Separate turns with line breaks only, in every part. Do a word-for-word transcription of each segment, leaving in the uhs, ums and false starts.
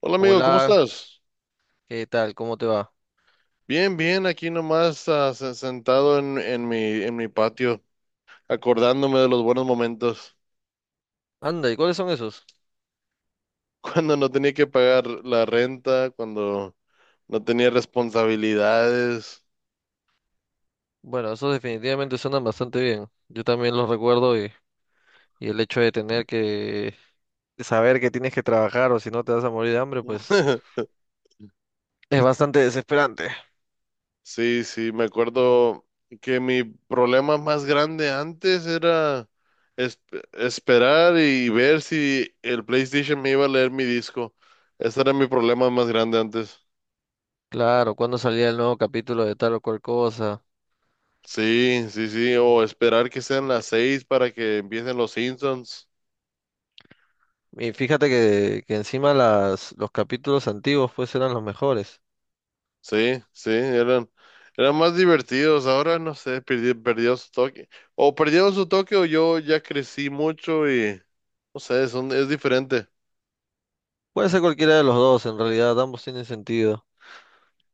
Hola, amigo, ¿cómo
Hola,
estás?
¿qué tal? ¿Cómo te va?
Bien, bien, aquí nomás ah, se- sentado en, en mi, en mi patio, acordándome de los buenos momentos.
Anda, ¿y cuáles son esos?
Cuando no tenía que pagar la renta, cuando no tenía responsabilidades.
Bueno, esos definitivamente suenan bastante bien. Yo también los recuerdo y, y el hecho de tener que de saber que tienes que trabajar o si no te vas a morir de hambre, pues es bastante desesperante.
Sí, sí, me acuerdo que mi problema más grande antes era es- esperar y ver si el PlayStation me iba a leer mi disco. Ese era mi problema más grande antes.
Claro, cuando salía el nuevo capítulo de tal o cual cosa?
Sí, sí, sí, o esperar que sean las seis para que empiecen los Simpsons.
Y fíjate que, que encima las, los capítulos antiguos pues eran los mejores.
Sí, sí, eran, eran más divertidos. Ahora no sé, perdi- perdió su toque. O perdieron su toque o yo ya crecí mucho y no sé, son, es diferente.
Puede ser cualquiera de los dos, en realidad ambos tienen sentido.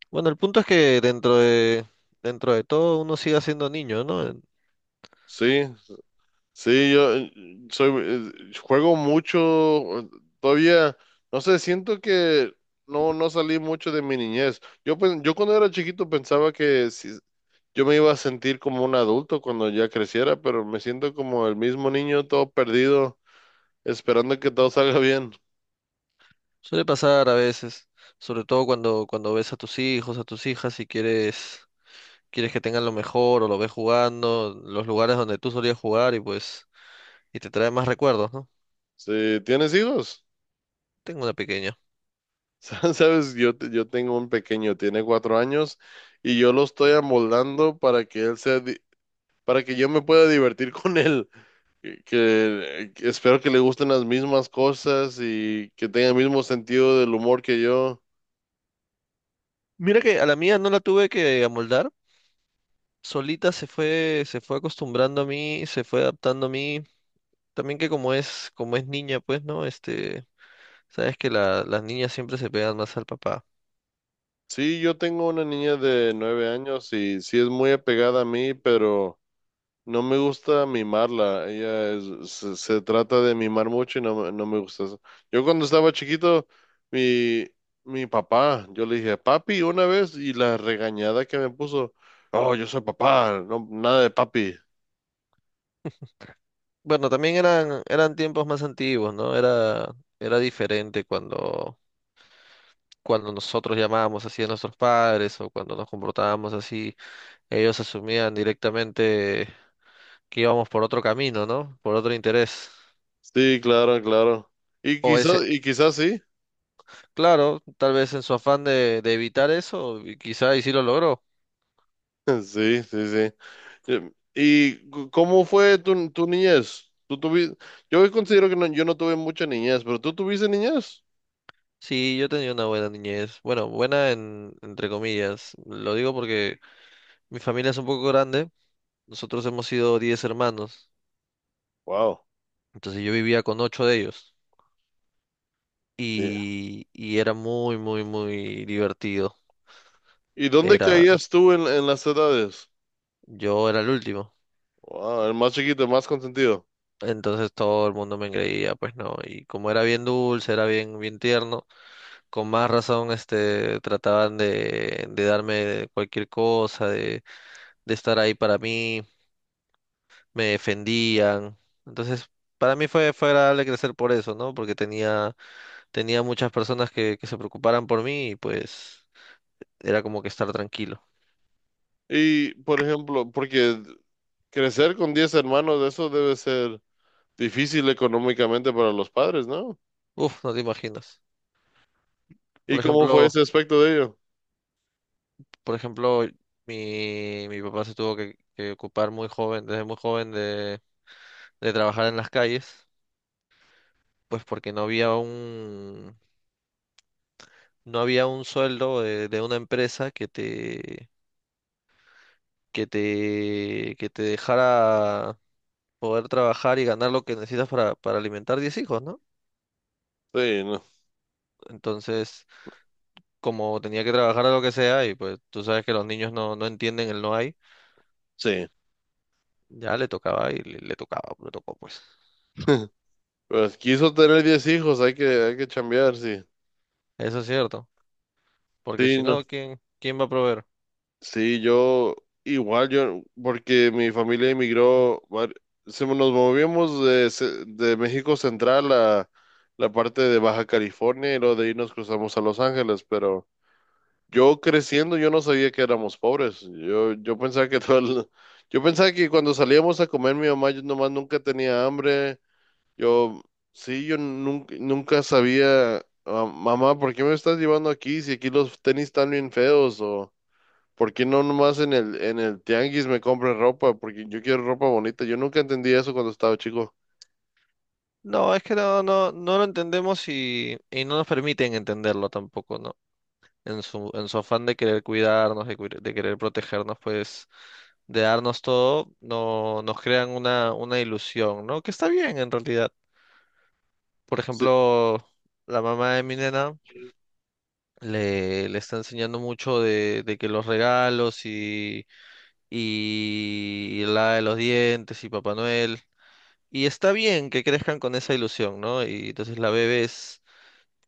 Bueno, el punto es que dentro de, dentro de todo uno sigue siendo niño, ¿no?
Sí, sí, yo eh, soy, eh, juego mucho. eh, Todavía, no sé, siento que no, no salí mucho de mi niñez. Yo, pen- yo cuando era chiquito pensaba que sí. Yo me iba a sentir como un adulto cuando ya creciera, pero me siento como el mismo niño todo perdido, esperando que todo salga bien.
Suele pasar a veces, sobre todo cuando, cuando ves a tus hijos, a tus hijas y quieres, quieres que tengan lo mejor o lo ves jugando, los lugares donde tú solías jugar y pues, y te trae más recuerdos, ¿no?
Sí, ¿tienes hijos?
Tengo una pequeña.
Sabes, yo, te- yo tengo un pequeño, tiene cuatro años, y yo lo estoy amoldando para que él sea, di- para que yo me pueda divertir con él. Que, que- que espero que le gusten las mismas cosas y que tenga el mismo sentido del humor que yo.
Mira que a la mía no la tuve que amoldar, solita se fue, se fue acostumbrando a mí, se fue adaptando a mí. También que como es, como es niña, pues, ¿no? Este, sabes que la- las niñas siempre se pegan más al papá.
Sí, yo tengo una niña de nueve años y sí es muy apegada a mí, pero no me gusta mimarla, ella es- se, se trata de mimar mucho y no, me- no me gusta eso. Yo cuando estaba chiquito, mi, mi papá, yo le dije, papi, una vez, y la regañada que me puso, oh, yo soy papá, no, nada de papi.
Bueno, también eran, eran tiempos más antiguos, ¿no? Era, era diferente cuando cuando nosotros llamábamos así a nuestros padres o cuando nos comportábamos así, ellos asumían directamente que íbamos por otro camino, ¿no? Por otro interés.
Sí, claro, claro. Y
O
quizás,
ese,
y quizás sí.
claro, tal vez en su afán de, de evitar eso, y quizá y sí lo logró.
Sí, sí, sí. Yo- ¿Y cu- cómo fue tu, tu niñez? ¿Tú tuviste? Yo considero que no- yo no tuve mucha niñez, pero ¿tú tuviste niñez?
Sí, yo tenía una buena niñez. Bueno, buena en, entre comillas. Lo digo porque mi familia es un poco grande. Nosotros hemos sido diez hermanos.
Wow.
Entonces yo vivía con ocho de ellos. Y, y era muy, muy, muy divertido.
¿Y dónde
Era.
caías tú en, en, las edades?
Yo era el último.
Ah, el más chiquito, el más consentido.
Entonces todo el mundo me engreía, pues no. Y como era bien dulce, era bien, bien tierno, con más razón, este, trataban de, de darme cualquier cosa, de, de estar ahí para mí, me defendían. Entonces, para mí fue, fue agradable crecer por eso, ¿no? Porque tenía, tenía muchas personas que, que se preocuparan por mí y pues era como que estar tranquilo.
Y, por ejemplo, porque crecer con diez hermanos, eso debe ser difícil económicamente para los padres, ¿no?
Uf, no te imaginas.
¿Y
Por
cómo fue
ejemplo,
ese aspecto de ello?
por ejemplo, mi, mi papá se tuvo que, que ocupar muy joven, desde muy joven de, de trabajar en las calles, pues porque no había un, no había un sueldo de, de una empresa que te, que te, que te dejara poder trabajar y ganar lo que necesitas para, para alimentar diez hijos, ¿no?
Sí, no,
Entonces, como tenía que trabajar a lo que sea, y pues tú sabes que los niños no, no entienden el no hay,
sí.
ya le tocaba y le, le tocaba, le tocó pues.
Pues quiso tener diez hijos, hay que, hay que chambear, sí.
Eso es cierto, porque
Sí,
si
no.
no, ¿quién, quién va a proveer?
Sí, yo igual, yo, porque mi familia emigró, var- se- nos movimos de, ce- de México Central a la parte de Baja California y luego de ahí nos cruzamos a Los Ángeles, pero yo creciendo yo no sabía que éramos pobres, yo, yo pensaba que todo el- yo pensaba que cuando salíamos a comer mi mamá yo nomás nunca tenía hambre, yo sí, yo nunca, nunca sabía: "Ah, mamá, ¿por qué me estás llevando aquí si aquí los tenis están bien feos? O ¿por qué no nomás en el, en el tianguis me compran ropa? Porque yo quiero ropa bonita". Yo nunca entendí eso cuando estaba chico.
No, es que no, no, no lo entendemos y, y no nos permiten entenderlo tampoco, ¿no? En su, en su afán de querer cuidarnos, de, cuir- de querer protegernos, pues, de darnos todo, no, nos crean una, una ilusión, ¿no? Que está bien en realidad. Por
Sí,
ejemplo, la mamá de mi nena le, le está enseñando mucho de, de que los regalos y, y, y la de los dientes y Papá Noel. Y está bien que crezcan con esa ilusión, ¿no? Y entonces la bebé es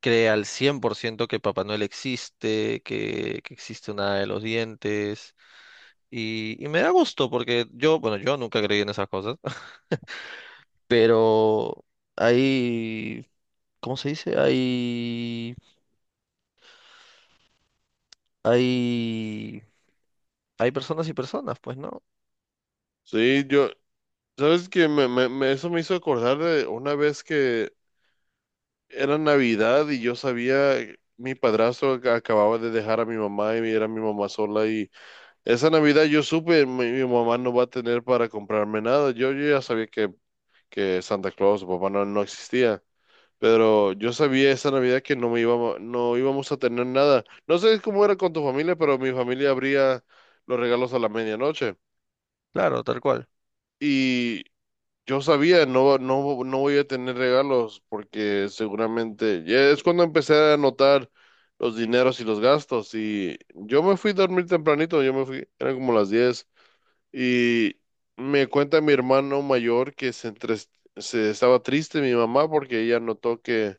cree al cien por ciento que Papá Noel existe, que, que existe una hada de los dientes. Y, y me da gusto porque yo, bueno, yo nunca creí en esas cosas, pero hay, ¿cómo se dice? Hay, hay, hay personas y personas, pues, ¿no?
sí, yo, ¿sabes qué? Me, me- me- eso me hizo acordar de una vez que era Navidad y yo sabía, mi padrastro ac- acababa de dejar a mi mamá y era mi mamá sola y esa Navidad yo supe, mi, mi mamá no va a tener para comprarme nada. Yo, yo ya sabía que, que Santa Claus o papá no, no existía. Pero yo sabía esa Navidad que no me íbamos, no íbamos a tener nada. No sé cómo era con tu familia, pero mi familia abría los regalos a la medianoche.
Claro, tal cual,
Y yo sabía, no, no, no voy a tener regalos porque seguramente ya es cuando empecé a anotar los dineros y los gastos. Y yo me fui a dormir tempranito, yo me fui, eran como las diez. Y me cuenta mi hermano mayor que se, entres- se estaba triste mi mamá porque ella notó que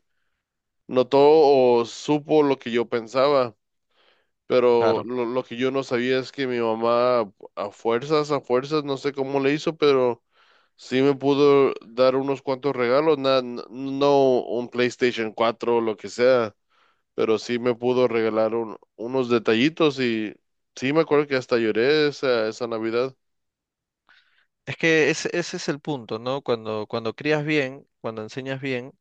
notó o supo lo que yo pensaba, pero
claro.
lo, lo que yo no sabía es que mi mamá a fuerzas, a fuerzas, no sé cómo le hizo, pero sí me pudo dar unos cuantos regalos, na- n- no un PlayStation cuatro o lo que sea, pero sí me pudo regalar un- unos detallitos y sí me acuerdo que hasta lloré esa, esa Navidad.
Es que ese, ese es el punto, ¿no? Cuando, cuando crías bien, cuando enseñas bien,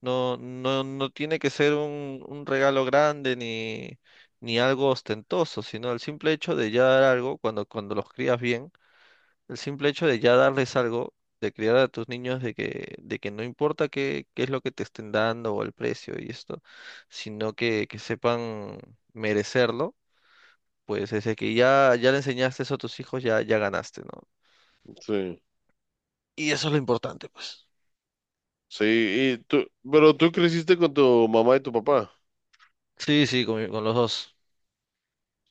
No, no, no tiene que ser un, un regalo grande ni, ni algo ostentoso, sino el simple hecho de ya dar algo, cuando, cuando los crías bien, el simple hecho de ya darles algo, de criar a tus niños de que, de que no importa qué, qué es lo que te estén dando o el precio y esto, sino que, que sepan merecerlo, pues desde que ya, ya le enseñaste eso a tus hijos, ya, ya ganaste, ¿no?
Sí.
Y eso es lo importante, pues.
Sí, y tú, pero tú creciste con tu mamá y tu papá.
Sí, sí, con, mi- con los dos.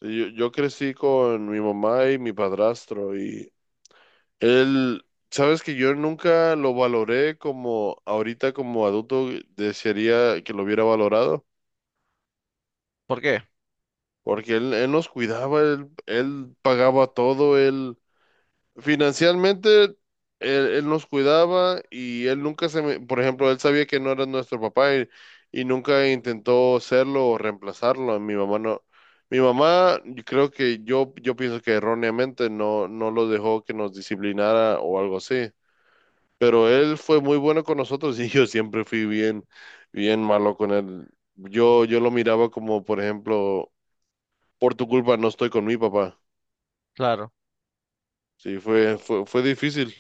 Sí, Yo, yo crecí con mi mamá y mi padrastro. Él, sabes que yo nunca lo valoré como ahorita; como adulto eh, desearía que lo hubiera valorado,
¿Por qué?
porque él, él nos cuidaba, él, él pagaba todo, él financieramente él, él nos cuidaba y él nunca se me, por ejemplo, él sabía que no era nuestro papá y, y nunca intentó serlo o reemplazarlo. Mi mamá no, mi mamá, yo creo que yo, yo pienso que erróneamente no, no lo dejó que nos disciplinara o algo así. Pero él fue muy bueno con nosotros y yo siempre fui bien, bien malo con él. Yo, yo lo miraba como, por ejemplo, por tu culpa no estoy con mi papá.
Claro.
Sí, fue, fue, fue difícil.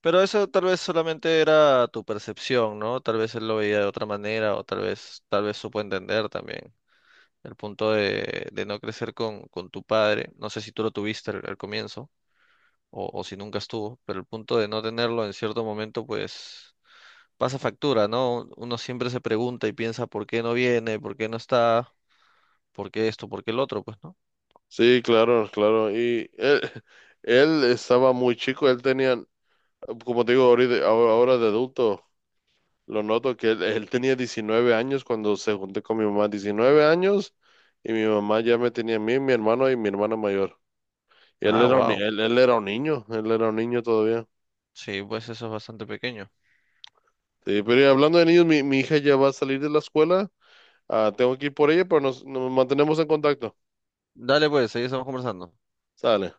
Pero eso tal vez solamente era tu percepción, ¿no? Tal vez él lo veía de otra manera o tal vez, tal vez supo entender también el punto de, de no crecer con, con tu padre. No sé si tú lo tuviste al, al comienzo o, o si nunca estuvo, pero el punto de no tenerlo en cierto momento, pues pasa factura, ¿no? Uno siempre se pregunta y piensa por qué no viene, por qué no está, por qué esto, por qué el otro, pues, ¿no?
Sí, claro, claro. Y él, él estaba muy chico, él tenía, como te digo, ahorita, ahora ahora de adulto, lo noto que él, él tenía diecinueve años cuando se junté con mi mamá, diecinueve años, y mi mamá ya me tenía a mí, mi hermano y mi hermana mayor. Y él
Ah,
era un, ni-
wow.
él él era un niño, él era un niño todavía.
Sí, pues eso es bastante pequeño.
Sí, pero ya hablando de niños, mi, mi hija ya va a salir de la escuela. Ah, tengo que ir por ella, pero nos, nos mantenemos en contacto.
Dale, pues, ahí estamos conversando.
Sale.